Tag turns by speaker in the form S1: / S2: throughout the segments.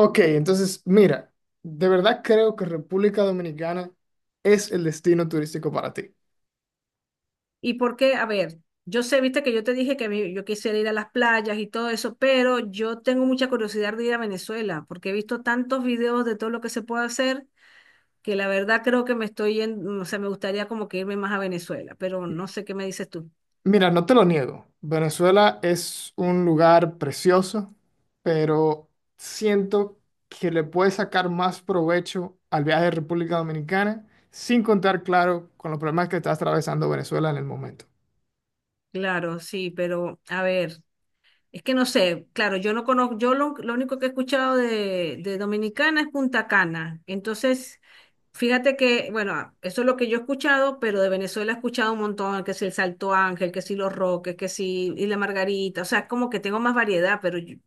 S1: Ok, entonces, mira, de verdad creo que República Dominicana es el destino turístico para ti.
S2: ¿Y por qué? A ver, yo sé, viste que yo te dije que yo quisiera ir a las playas y todo eso, pero yo tengo mucha curiosidad de ir a Venezuela, porque he visto tantos videos de todo lo que se puede hacer, que la verdad creo que me estoy yendo, o sea, me gustaría como que irme más a Venezuela, pero no sé qué me dices tú.
S1: Mira, no te lo niego, Venezuela es un lugar precioso, pero siento que le puedes sacar más provecho al viaje de República Dominicana, sin contar, claro, con los problemas que está atravesando Venezuela en el momento.
S2: Claro, sí, pero a ver, es que no sé, claro, yo no conozco, yo lo único que he escuchado de Dominicana es Punta Cana, entonces. Fíjate que, bueno, eso es lo que yo he escuchado, pero de Venezuela he escuchado un montón, que si el Salto Ángel, que si los Roques, que si y la Margarita, o sea, como que tengo más variedad, pero yo, o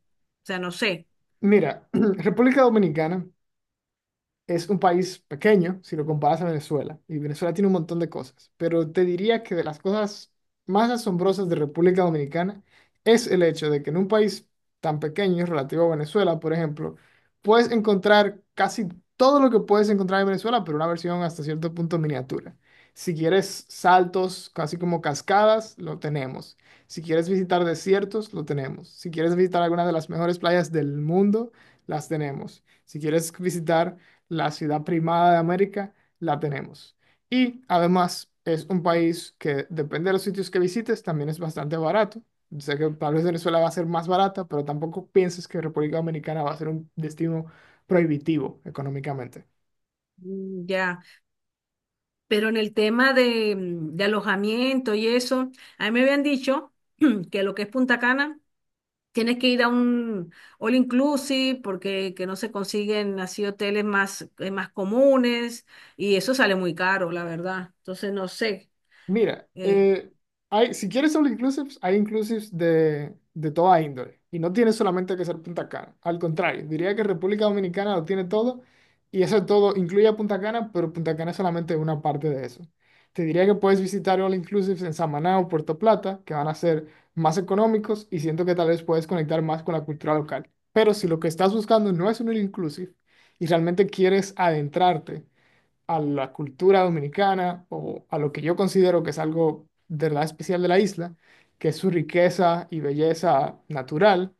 S2: sea, no sé,
S1: Mira, República Dominicana es un país pequeño si lo comparas a Venezuela, y Venezuela tiene un montón de cosas, pero te diría que de las cosas más asombrosas de República Dominicana es el hecho de que en un país tan pequeño relativo a Venezuela, por ejemplo, puedes encontrar casi todo lo que puedes encontrar en Venezuela, pero una versión hasta cierto punto miniatura. Si quieres saltos, casi como cascadas, lo tenemos. Si quieres visitar desiertos, lo tenemos. Si quieres visitar alguna de las mejores playas del mundo, las tenemos. Si quieres visitar la ciudad primada de América, la tenemos. Y además es un país que depende de los sitios que visites, también es bastante barato. Sé que tal vez Venezuela va a ser más barata, pero tampoco pienses que República Dominicana va a ser un destino prohibitivo económicamente.
S2: mm, ya. Pero en el tema de, de alojamiento y eso, a mí me habían dicho que lo que es Punta Cana, tienes que ir a un all inclusive porque que no se consiguen así hoteles más, más comunes y eso sale muy caro, la verdad. Entonces, no sé.
S1: Mira,
S2: eh,
S1: hay, si quieres all inclusives, hay inclusives de toda índole. Y no tiene solamente que ser Punta Cana. Al contrario, diría que República Dominicana lo tiene todo. Y eso todo incluye a Punta Cana, pero Punta Cana es solamente una parte de eso. Te diría que puedes visitar all inclusives en Samaná o Puerto Plata, que van a ser más económicos y siento que tal vez puedes conectar más con la cultura local. Pero si lo que estás buscando no es un all inclusive y realmente quieres adentrarte a la cultura dominicana o a lo que yo considero que es algo de verdad especial de la isla, que es su riqueza y belleza natural,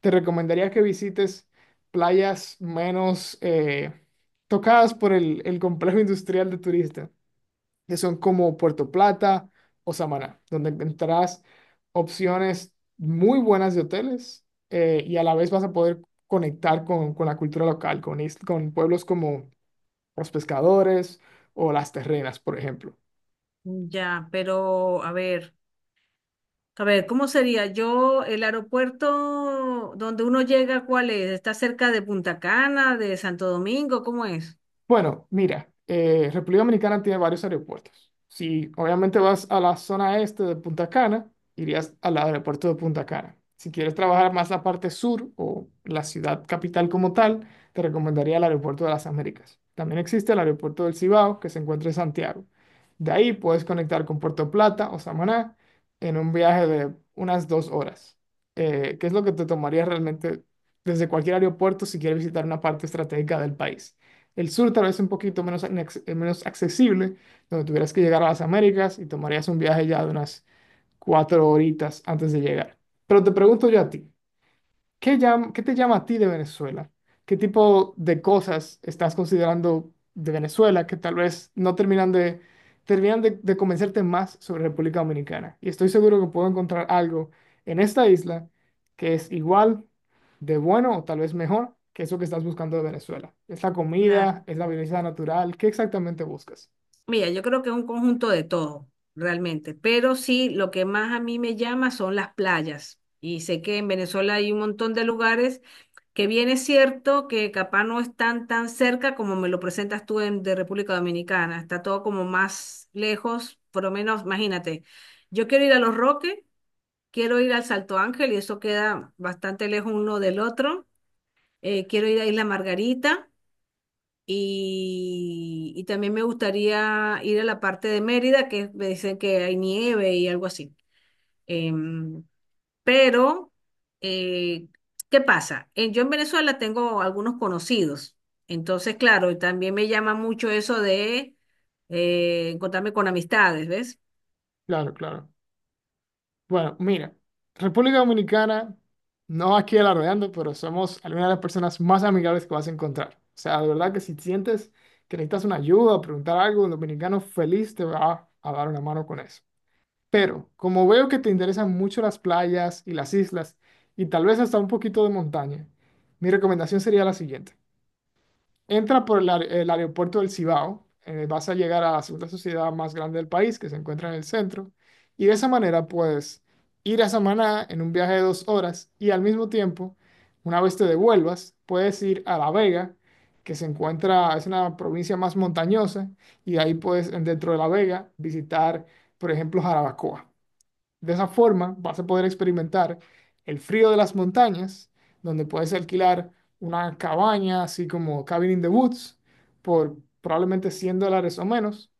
S1: te recomendaría que visites playas menos tocadas por el complejo industrial de turistas, que son como Puerto Plata o Samaná, donde encontrarás opciones muy buenas de hoteles y a la vez vas a poder conectar con la cultura local, con pueblos como los pescadores o las terrenas, por ejemplo.
S2: Ya, pero a ver, ¿cómo sería? Yo, el aeropuerto donde uno llega, ¿cuál es? ¿Está cerca de Punta Cana, de Santo Domingo? ¿Cómo es?
S1: Bueno, mira, República Dominicana tiene varios aeropuertos. Si obviamente vas a la zona este de Punta Cana, irías al aeropuerto de Punta Cana. Si quieres trabajar más la parte sur o la ciudad capital como tal, te recomendaría el aeropuerto de las Américas. También existe el aeropuerto del Cibao, que se encuentra en Santiago. De ahí puedes conectar con Puerto Plata o Samaná en un viaje de unas 2 horas, que es lo que te tomaría realmente desde cualquier aeropuerto si quieres visitar una parte estratégica del país. El sur tal vez un poquito menos, menos accesible, donde tuvieras que llegar a las Américas y tomarías un viaje ya de unas 4 horitas antes de llegar. Pero te pregunto yo a ti, ¿Qué te llama a ti de Venezuela? ¿Qué tipo de cosas estás considerando de Venezuela que tal vez no terminan de convencerte más sobre República Dominicana? Y estoy seguro que puedo encontrar algo en esta isla que es igual de bueno o tal vez mejor que eso que estás buscando de Venezuela. ¿Es la
S2: Claro.
S1: comida? ¿Es la belleza natural? ¿Qué exactamente buscas?
S2: Mira, yo creo que es un conjunto de todo, realmente, pero sí, lo que más a mí me llama son las playas. Y sé que en Venezuela hay un montón de lugares que bien es cierto que capaz no están tan cerca como me lo presentas tú en, de República Dominicana, está todo como más lejos, por lo menos, imagínate, yo quiero ir a Los Roques, quiero ir al Salto Ángel y eso queda bastante lejos uno del otro, quiero ir a Isla Margarita y también me gustaría ir a la parte de Mérida, que me dicen que hay nieve y algo así. Em, pero, eh, ¿Qué pasa? Yo en Venezuela tengo algunos conocidos. Entonces, claro, también me llama mucho eso de encontrarme con amistades, ¿ves?
S1: Claro, claro. Bueno, mira, República Dominicana, no aquí alardeando, pero somos algunas de las personas más amigables que vas a encontrar. O sea, de verdad que si sientes que necesitas una ayuda, preguntar algo, un dominicano feliz te va a dar una mano con eso. Pero como veo que te interesan mucho las playas y las islas, y tal vez hasta un poquito de montaña, mi recomendación sería la siguiente. Entra por el aeropuerto del Cibao, vas a llegar a la segunda sociedad más grande del país, que se encuentra en el centro, y de esa manera puedes ir a Samaná en un viaje de 2 horas y al mismo tiempo, una vez te devuelvas, puedes ir a La Vega, que se encuentra, es una provincia más montañosa, y de ahí puedes dentro de La Vega, visitar, por ejemplo, Jarabacoa. De esa forma vas a poder experimentar el frío de las montañas, donde puedes alquilar una cabaña, así como Cabin in the Woods, por probablemente $100 o menos.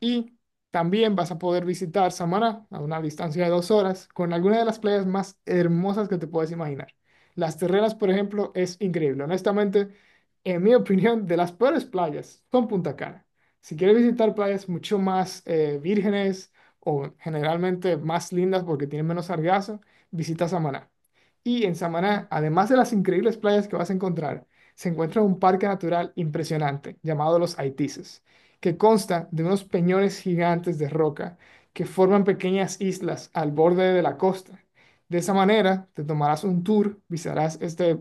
S1: Y también vas a poder visitar Samaná a una distancia de 2 horas con algunas de las playas más hermosas que te puedes imaginar. Las Terrenas por ejemplo, es increíble. Honestamente, en mi opinión, de las peores playas son Punta Cana. Si quieres visitar playas mucho más vírgenes o generalmente más lindas porque tienen menos sargazo, visita Samaná. Y en
S2: Mm.
S1: Samaná, además de las increíbles playas que vas a encontrar, se encuentra un parque natural impresionante llamado Los Haitises que consta de unos peñones gigantes de roca que forman pequeñas islas al borde de la costa. De esa manera, te tomarás un tour, visitarás este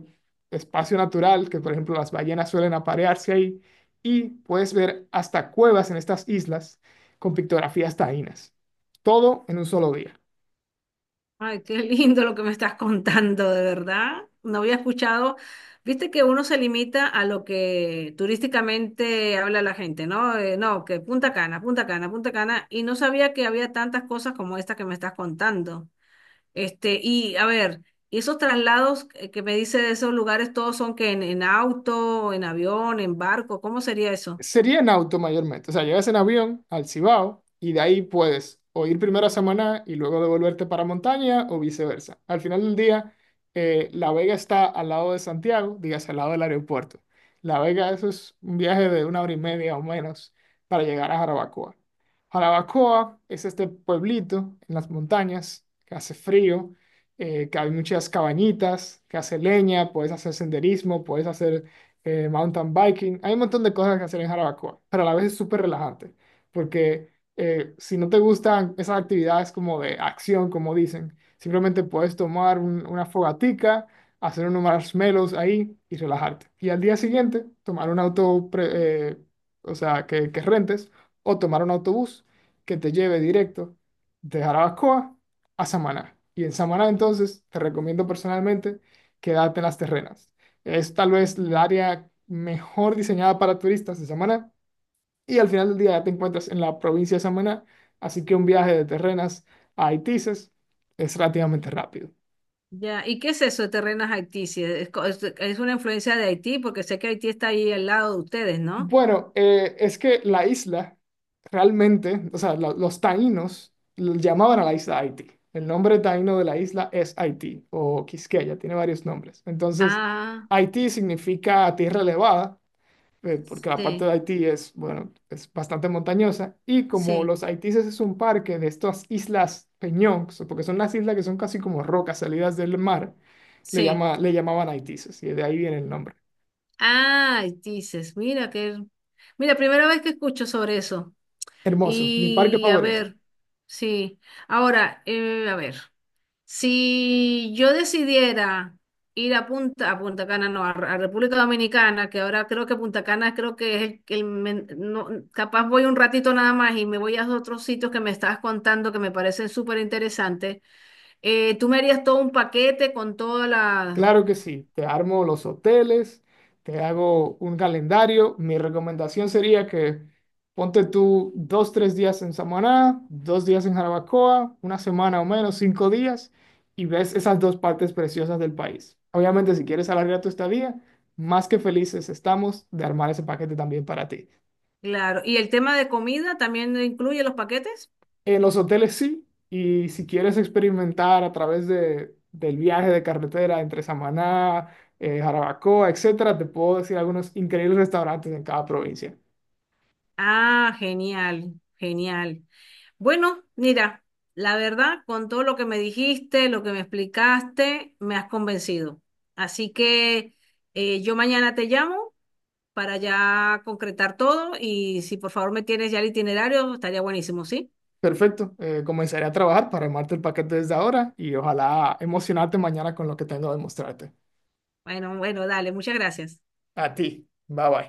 S1: espacio natural que, por ejemplo, las ballenas suelen aparearse ahí y puedes ver hasta cuevas en estas islas con pictografías taínas. Todo en un solo día.
S2: Ay, qué lindo lo que me estás contando, de verdad. No había escuchado. Viste que uno se limita a lo que turísticamente habla la gente, ¿no? No, que Punta Cana, Punta Cana, Punta Cana. Y no sabía que había tantas cosas como esta que me estás contando. Este, y a ver, y esos traslados que me dice de esos lugares, todos son que en auto, en avión, en barco, ¿cómo sería eso?
S1: Sería en auto mayormente. O sea, llegas en avión al Cibao y de ahí puedes o ir primero a Samaná y luego devolverte para montaña o viceversa. Al final del día, La Vega está al lado de Santiago, digas al lado del aeropuerto. La Vega, eso es un viaje de 1 hora y media o menos para llegar a Jarabacoa. Jarabacoa es este pueblito en las montañas que hace frío, que hay muchas cabañitas, que hace leña, puedes hacer senderismo, puedes hacer mountain biking. Hay un montón de cosas que hacer en Jarabacoa, pero a la vez es súper relajante, porque si no te gustan esas actividades como de acción, como dicen, simplemente puedes tomar una fogatica, hacer unos marshmallows ahí y relajarte. Y al día siguiente, tomar un auto, o sea, que rentes, o tomar un autobús que te lleve directo de Jarabacoa a Samaná. Y en Samaná entonces te recomiendo personalmente quedarte en las terrenas. Es tal vez el área mejor diseñada para turistas de Samaná. Y al final del día ya te encuentras en la provincia de Samaná. Así que un viaje de Terrenas a Haitises es relativamente rápido.
S2: Ya, ¿y qué es eso de Terrenas Haití? Si es, es una influencia de Haití, porque sé que Haití está ahí al lado de ustedes, ¿no?
S1: Bueno, es que la isla realmente, o sea, los taínos llamaban a la isla Haití. El nombre taíno de la isla es Haití o Quisqueya, tiene varios nombres. Entonces,
S2: Ah,
S1: Haití significa tierra elevada porque la parte
S2: sí,
S1: de Haití es, bueno, es bastante montañosa, y como
S2: sí,
S1: los Haitises es un parque de estas islas Peñón, porque son las islas que son casi como rocas salidas del mar,
S2: sí.
S1: le llamaban Haitises, y de ahí viene el nombre.
S2: Ah, Haití, dices, mira que, mira, primera vez que escucho sobre eso.
S1: Hermoso, mi parque
S2: Y a
S1: favorito.
S2: ver, sí. Ahora, a ver. Si yo decidiera ir a Punta Cana, no, a República Dominicana, que ahora creo que Punta Cana creo que es el, que no, capaz voy un ratito nada más y me voy a otros sitios que me estabas contando que me parecen súper interesantes. Tú me harías todo un paquete con todas las?
S1: Claro que sí, te armo los hoteles, te hago un calendario. Mi recomendación sería que ponte tú 2, 3 días en Samaná, 2 días en Jarabacoa, una semana o menos, 5 días, y ves esas dos partes preciosas del país. Obviamente, si quieres alargar tu estadía, más que felices estamos de armar ese paquete también para ti.
S2: Claro, y el tema de comida también incluye los paquetes.
S1: En los hoteles sí, y si quieres experimentar a través del viaje de carretera entre Samaná, Jarabacoa, etcétera, te puedo decir algunos increíbles restaurantes en cada provincia.
S2: Ah, genial, genial. Bueno, mira, la verdad, con todo lo que me dijiste, lo que me explicaste, me has convencido. Así que yo mañana te llamo para ya concretar todo y si por favor me tienes ya el itinerario, estaría buenísimo, ¿sí?
S1: Perfecto, comenzaré a trabajar para armarte el paquete desde ahora y ojalá emocionarte mañana con lo que tengo de mostrarte.
S2: Bueno, bueno, dale, muchas gracias.
S1: A ti, bye bye.